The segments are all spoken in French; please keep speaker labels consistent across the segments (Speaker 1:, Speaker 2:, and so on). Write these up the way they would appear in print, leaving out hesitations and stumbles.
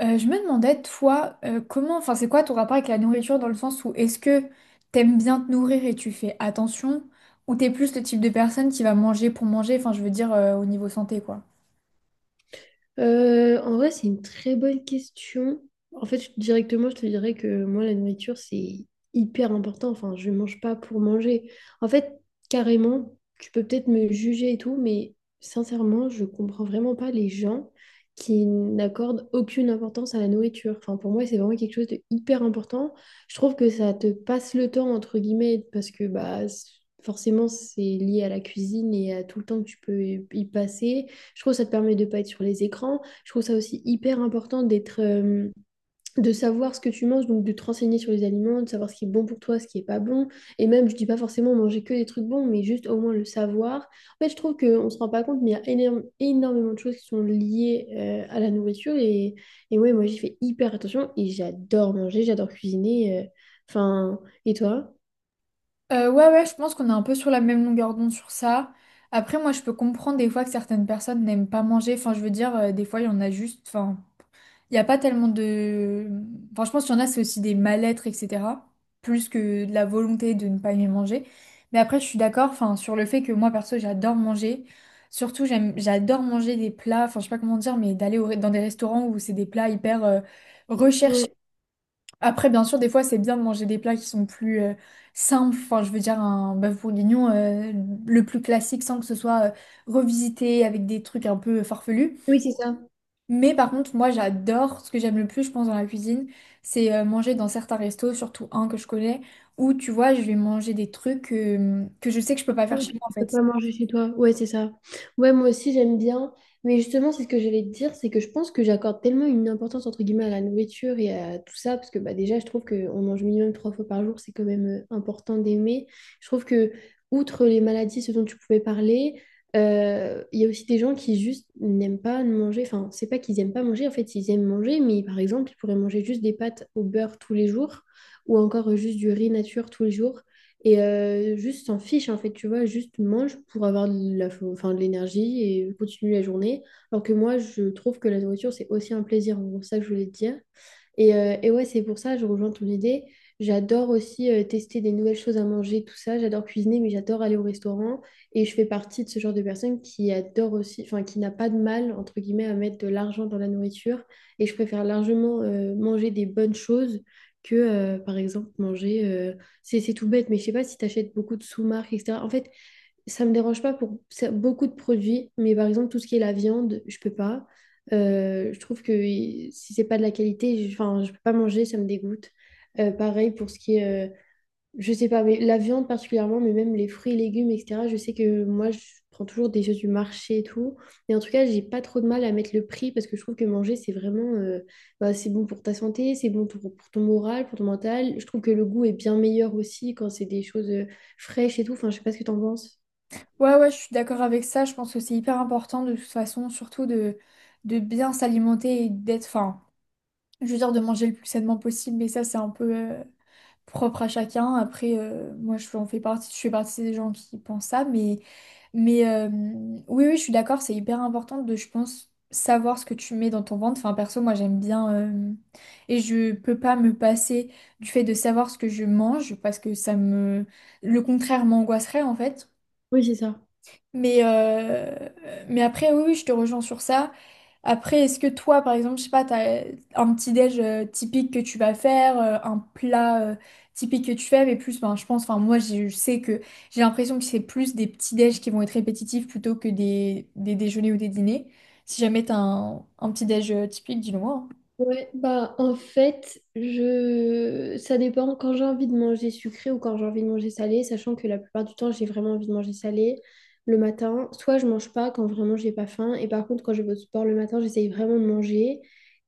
Speaker 1: Je me demandais, toi, comment, enfin, c'est quoi ton rapport avec la nourriture dans le sens où est-ce que t'aimes bien te nourrir et tu fais attention, ou t'es plus le type de personne qui va manger pour manger, enfin, je veux dire, au niveau santé, quoi.
Speaker 2: En vrai, c'est une très bonne question. En fait, directement, je te dirais que moi, la nourriture, c'est hyper important. Enfin, je mange pas pour manger. En fait, carrément, tu peux peut-être me juger et tout, mais sincèrement, je comprends vraiment pas les gens qui n'accordent aucune importance à la nourriture. Enfin, pour moi, c'est vraiment quelque chose de hyper important. Je trouve que ça te passe le temps, entre guillemets, parce que bah, forcément, c'est lié à la cuisine et à tout le temps que tu peux y passer. Je trouve que ça te permet de pas être sur les écrans. Je trouve ça aussi hyper important d'être, de savoir ce que tu manges, donc de te renseigner sur les aliments, de savoir ce qui est bon pour toi, ce qui est pas bon. Et même, je dis pas forcément manger que des trucs bons, mais juste au moins le savoir. En fait, je trouve qu'on se rend pas compte, mais il y a énormément de choses qui sont liées à la nourriture. Et ouais, moi, j'y fais hyper attention et j'adore manger, j'adore cuisiner. Enfin, et toi?
Speaker 1: Ouais, ouais, je pense qu'on est un peu sur la même longueur d'onde sur ça. Après, moi, je peux comprendre des fois que certaines personnes n'aiment pas manger, enfin, je veux dire, des fois, il y en a juste, enfin. Il n'y a pas tellement de. Enfin, je pense qu'il y en a, c'est aussi des mal-être, etc. Plus que de la volonté de ne pas aimer manger. Mais après, je suis d'accord, enfin, sur le fait que moi, perso, j'adore manger. Surtout, j'adore manger des plats, enfin, je sais pas comment dire, mais d'aller dans des restaurants où c'est des plats hyper recherchés.
Speaker 2: Ouais.
Speaker 1: Après, bien sûr, des fois, c'est bien de manger des plats qui sont plus simples. Enfin, je veux dire, un bœuf bourguignon, le plus classique, sans que ce soit revisité avec des trucs un peu farfelus.
Speaker 2: Oui, c'est ça.
Speaker 1: Mais par contre, moi j'adore, ce que j'aime le plus, je pense, dans la cuisine, c'est manger dans certains restos, surtout un que je connais, où tu vois, je vais manger des trucs que je sais que je peux pas faire
Speaker 2: Oui,
Speaker 1: chez moi en
Speaker 2: tu peux
Speaker 1: fait.
Speaker 2: pas manger chez toi. Ouais, c'est ça. Ouais, moi aussi, j'aime bien. Mais justement, c'est ce que j'allais te dire, c'est que je pense que j'accorde tellement une importance, entre guillemets, à la nourriture et à tout ça, parce que bah, déjà, je trouve qu'on mange minimum 3 fois par jour, c'est quand même important d'aimer. Je trouve que, outre les maladies, ce dont tu pouvais parler, il y a aussi des gens qui juste n'aiment pas manger. Enfin, c'est pas qu'ils aiment pas manger, en fait, ils aiment manger, mais par exemple, ils pourraient manger juste des pâtes au beurre tous les jours, ou encore juste du riz nature tous les jours et juste s'en fiche en fait, tu vois, juste mange pour avoir de la, enfin, de l'énergie et continue la journée. Alors que moi, je trouve que la nourriture, c'est aussi un plaisir, en gros, c'est ça que je voulais te dire. Et ouais, c'est pour ça, je rejoins ton idée. J'adore aussi tester des nouvelles choses à manger, tout ça. J'adore cuisiner, mais j'adore aller au restaurant. Et je fais partie de ce genre de personne qui adore aussi, enfin, qui n'a pas de mal, entre guillemets, à mettre de l'argent dans la nourriture. Et je préfère largement manger des bonnes choses que, par exemple, manger. C'est tout bête, mais je sais pas si tu achètes beaucoup de sous-marques, etc. En fait, ça me dérange pas pour beaucoup de produits, mais par exemple, tout ce qui est la viande, je peux pas. Je trouve que si c'est pas de la qualité, enfin, je peux pas manger, ça me dégoûte. Pareil pour ce qui est, je sais pas, mais la viande particulièrement, mais même les fruits et légumes, etc. Je sais que moi, je prends toujours des choses du marché et tout. Mais en tout cas, j'ai pas trop de mal à mettre le prix parce que je trouve que manger, c'est vraiment, bah, c'est bon pour ta santé, c'est bon pour ton moral, pour ton mental. Je trouve que le goût est bien meilleur aussi quand c'est des choses fraîches et tout. Enfin, je sais pas ce que t'en penses.
Speaker 1: Ouais, ouais, je suis d'accord avec ça, je pense que c'est hyper important de toute façon, surtout de, bien s'alimenter et d'être, enfin, je veux dire de manger le plus sainement possible, mais ça, c'est un peu propre à chacun. Après, moi, je j'en fais partie, je fais partie des gens qui pensent ça, mais, mais euh, oui, oui, je suis d'accord, c'est hyper important de, je pense, savoir ce que tu mets dans ton ventre. Enfin, perso, moi, j'aime bien et je peux pas me passer du fait de savoir ce que je mange parce que le contraire m'angoisserait en fait.
Speaker 2: Oui, c'est ça.
Speaker 1: Mais, euh, mais après, oui, oui, je te rejoins sur ça. Après, est-ce que toi, par exemple, je sais pas, t'as un petit déj typique que tu vas faire, un plat typique que tu fais, mais plus, ben, je pense, enfin, moi, je sais que j'ai l'impression que c'est plus des petits déj qui vont être répétitifs plutôt que des, déjeuners ou des dîners. Si jamais t'as un, petit déj typique, dis-le moi, hein.
Speaker 2: Ouais, bah en fait, je ça dépend quand j'ai envie de manger sucré ou quand j'ai envie de manger salé, sachant que la plupart du temps, j'ai vraiment envie de manger salé le matin. Soit je mange pas quand vraiment j'ai pas faim, et par contre quand je vais au sport le matin, j'essaye vraiment de manger.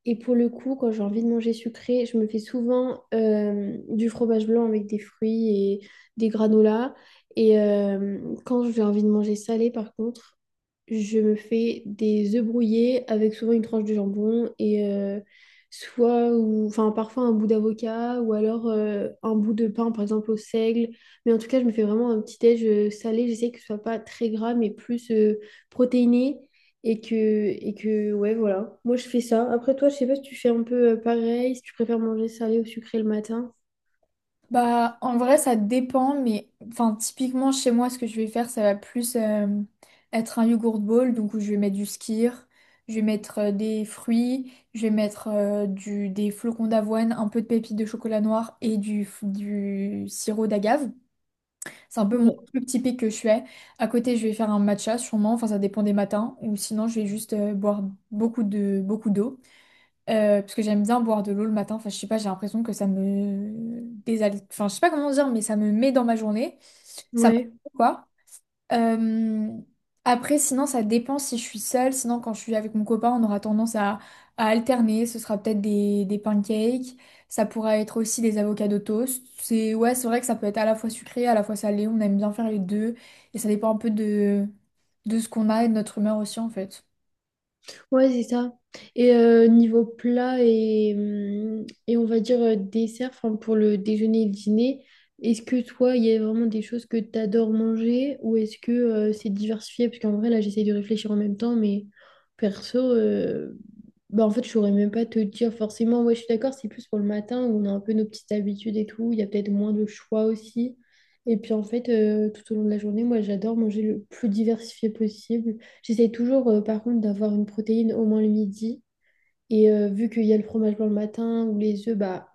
Speaker 2: Et pour le coup, quand j'ai envie de manger sucré, je me fais souvent du fromage blanc avec des fruits et des granolas. Et quand j'ai envie de manger salé par contre, je me fais des œufs brouillés avec souvent une tranche de jambon et soit ou enfin parfois un bout d'avocat, ou alors un bout de pain par exemple au seigle. Mais en tout cas je me fais vraiment un petit déj salé, j'essaie que ce soit pas très gras mais plus protéiné. Et que ouais voilà, moi je fais ça. Après toi, je sais pas si tu fais un peu pareil, si tu préfères manger salé ou sucré le matin.
Speaker 1: Bah, en vrai, ça dépend, mais enfin, typiquement chez moi, ce que je vais faire, ça va plus être un yogurt bowl, donc où je vais mettre du skyr, je vais mettre des fruits, je vais mettre des flocons d'avoine, un peu de pépites de chocolat noir et du sirop d'agave. C'est un peu mon
Speaker 2: Ouais.
Speaker 1: truc typique que je fais. À côté, je vais faire un matcha sûrement, enfin, ça dépend des matins, ou sinon, je vais juste boire beaucoup d'eau. Parce que j'aime bien boire de l'eau le matin. Enfin, je sais pas, j'ai l'impression que ça me désalite. Enfin, je sais pas comment dire, mais ça me met dans ma journée. Ça me
Speaker 2: Ouais.
Speaker 1: quoi. Euh, Après sinon, ça dépend si je suis seule. Sinon, quand je suis avec mon copain, on aura tendance à, alterner. Ce sera peut-être des, pancakes. Ça pourra être aussi des avocats de toast. C'est, ouais, c'est vrai que ça peut être à la fois sucré, à la fois salé. On aime bien faire les deux. Et ça dépend un peu de ce qu'on a et de notre humeur aussi, en fait.
Speaker 2: Ouais, c'est ça. Et niveau plat et on va dire dessert, enfin pour le déjeuner et le dîner, est-ce que toi, il y a vraiment des choses que tu adores manger ou est-ce que c'est diversifié? Parce qu'en vrai, là, j'essaie de réfléchir en même temps, mais perso, bah en fait, je saurais même pas te dire forcément. Ouais, je suis d'accord, c'est plus pour le matin où on a un peu nos petites habitudes et tout. Il y a peut-être moins de choix aussi. Et puis en fait, tout au long de la journée, moi, j'adore manger le plus diversifié possible. J'essaie toujours, par contre, d'avoir une protéine au moins le midi. Et vu qu'il y a le fromage blanc le matin ou les œufs, bah,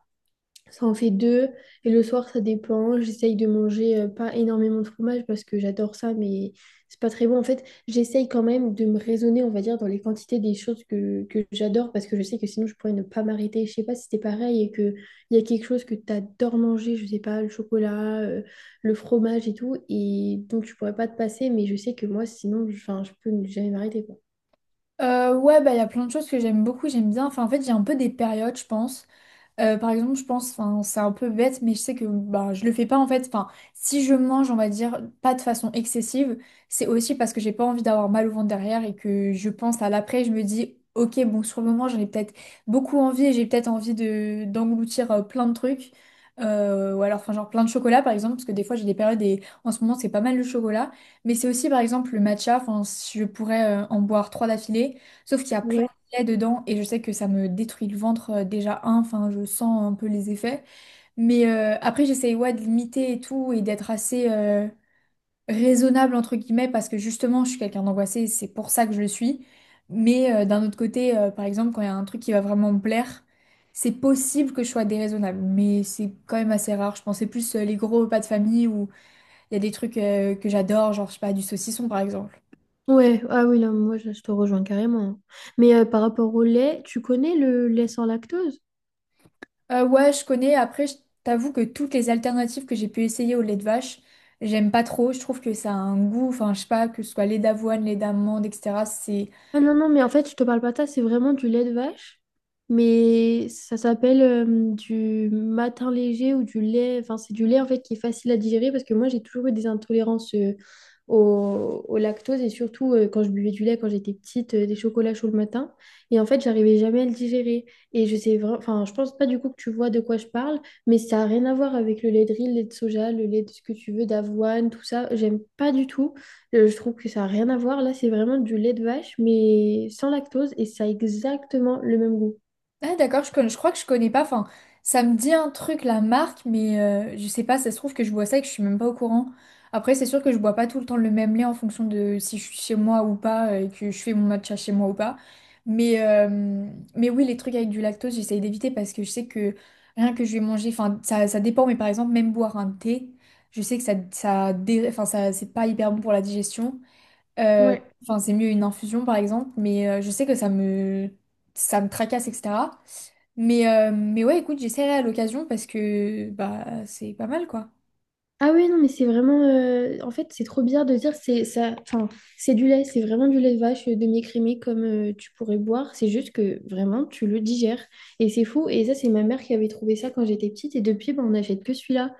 Speaker 2: ça en fait deux. Et le soir, ça dépend. J'essaye de manger pas énormément de fromage parce que j'adore ça, mais c'est pas très bon. En fait, j'essaye quand même de me raisonner, on va dire, dans les quantités des choses que j'adore parce que je sais que sinon, je pourrais ne pas m'arrêter. Je sais pas si c'était pareil et qu'il y a quelque chose que t'adores manger, je sais pas, le chocolat, le fromage et tout. Et donc, tu pourrais pas te passer, mais je sais que moi, sinon, enfin, je peux ne jamais m'arrêter.
Speaker 1: Ouais, bah, il y a plein de choses que j'aime beaucoup, j'aime bien. Enfin, en fait, j'ai un peu des périodes, je pense. Par exemple, je pense, enfin, c'est un peu bête, mais je sais que bah, je le fais pas en fait. Enfin, si je mange, on va dire, pas de façon excessive, c'est aussi parce que j'ai pas envie d'avoir mal au ventre derrière et que je pense à l'après, je me dis, ok, bon, sur le moment, j'en ai peut-être beaucoup envie et j'ai peut-être envie de d'engloutir plein de trucs. Ou alors, enfin, genre plein de chocolat par exemple, parce que des fois j'ai des périodes et en ce moment c'est pas mal le chocolat, mais c'est aussi par exemple le matcha, enfin, je pourrais en boire trois d'affilée. Sauf qu'il y a plein
Speaker 2: Ouais.
Speaker 1: là-dedans et je sais que ça me détruit le ventre déjà un, enfin je sens un peu les effets. Mais après j'essaye ouais, de limiter et tout et d'être assez raisonnable entre guillemets parce que justement je suis quelqu'un d'angoissé c'est pour ça que je le suis. Mais d'un autre côté, par exemple, quand il y a un truc qui va vraiment me plaire, c'est possible que je sois déraisonnable, mais c'est quand même assez rare. Je pensais plus les gros repas de famille où il y a des trucs que j'adore, genre je sais pas, du saucisson par exemple.
Speaker 2: Ouais, ah oui, là, moi, je te rejoins carrément. Mais par rapport au lait, tu connais le lait sans lactose?
Speaker 1: Ouais, je connais. Après, je t'avoue que toutes les alternatives que j'ai pu essayer au lait de vache, j'aime pas trop. Je trouve que ça a un goût, enfin, je sais pas, que ce soit lait d'avoine, lait d'amande, etc.
Speaker 2: Ah non, non, mais en fait, je te parle pas de ça, c'est vraiment du lait de vache. Mais ça s'appelle du matin léger ou du lait. Enfin, c'est du lait en fait qui est facile à digérer parce que moi, j'ai toujours eu des intolérances au lactose et surtout quand je buvais du lait quand j'étais petite, des chocolats chauds le matin. Et en fait, j'arrivais jamais à le digérer. Et je sais vraiment, enfin, je pense pas du coup que tu vois de quoi je parle, mais ça a rien à voir avec le lait de riz, le lait de soja, le lait de ce que tu veux, d'avoine, tout ça. J'aime pas du tout. Je trouve que ça n'a rien à voir. Là, c'est vraiment du lait de vache, mais sans lactose et ça a exactement le même goût.
Speaker 1: Ah d'accord, je crois que je connais pas. Enfin, ça me dit un truc la marque, mais je sais pas. Ça se trouve que je bois ça et que je suis même pas au courant. Après, c'est sûr que je bois pas tout le temps le même lait en fonction de si je suis chez moi ou pas et que je fais mon matcha chez moi ou pas. Mais euh, mais oui, les trucs avec du lactose, j'essaye d'éviter parce que je sais que rien que je vais manger, enfin ça dépend. Mais par exemple, même boire un thé, je sais que enfin ça c'est pas hyper bon pour la digestion. Euh,
Speaker 2: Ouais.
Speaker 1: Enfin, c'est mieux une infusion, par exemple, mais je sais que ça me tracasse, etc. Mais ouais, écoute, j'essaierai à l'occasion parce que bah, c'est pas mal, quoi.
Speaker 2: Ah oui, non, mais c'est vraiment en fait, c'est trop bizarre de dire c'est ça. Enfin, c'est du lait, c'est vraiment du lait de vache demi-écrémé comme tu pourrais boire. C'est juste que vraiment, tu le digères. Et c'est fou. Et ça, c'est ma mère qui avait trouvé ça quand j'étais petite. Et depuis, bah, on n'achète que celui-là.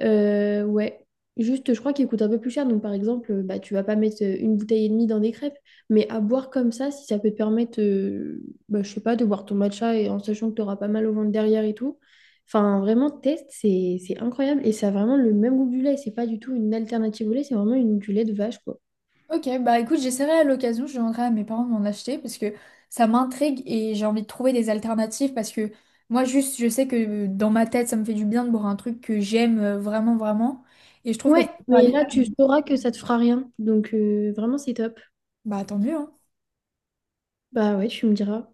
Speaker 2: Ouais. Juste, je crois qu'il coûte un peu plus cher. Donc, par exemple, bah, tu vas pas mettre une bouteille et demie dans des crêpes. Mais à boire comme ça, si ça peut te permettre, bah, je sais pas, de boire ton matcha et en sachant que tu auras pas mal au ventre derrière et tout. Enfin, vraiment, test, c'est incroyable et ça a vraiment le même goût que du lait. C'est pas du tout une alternative au lait, c'est vraiment une, du lait de vache, quoi.
Speaker 1: Ok, bah écoute, j'essaierai à l'occasion, je demanderai à mes parents de m'en acheter parce que ça m'intrigue et j'ai envie de trouver des alternatives parce que moi juste je sais que dans ma tête ça me fait du bien de boire un truc que j'aime vraiment vraiment et je trouve que
Speaker 2: Ouais,
Speaker 1: c'est pas
Speaker 2: mais
Speaker 1: agréable.
Speaker 2: là, tu sauras que ça te fera rien. Donc, vraiment, c'est top.
Speaker 1: Bah tant mieux, hein.
Speaker 2: Bah ouais, tu me diras.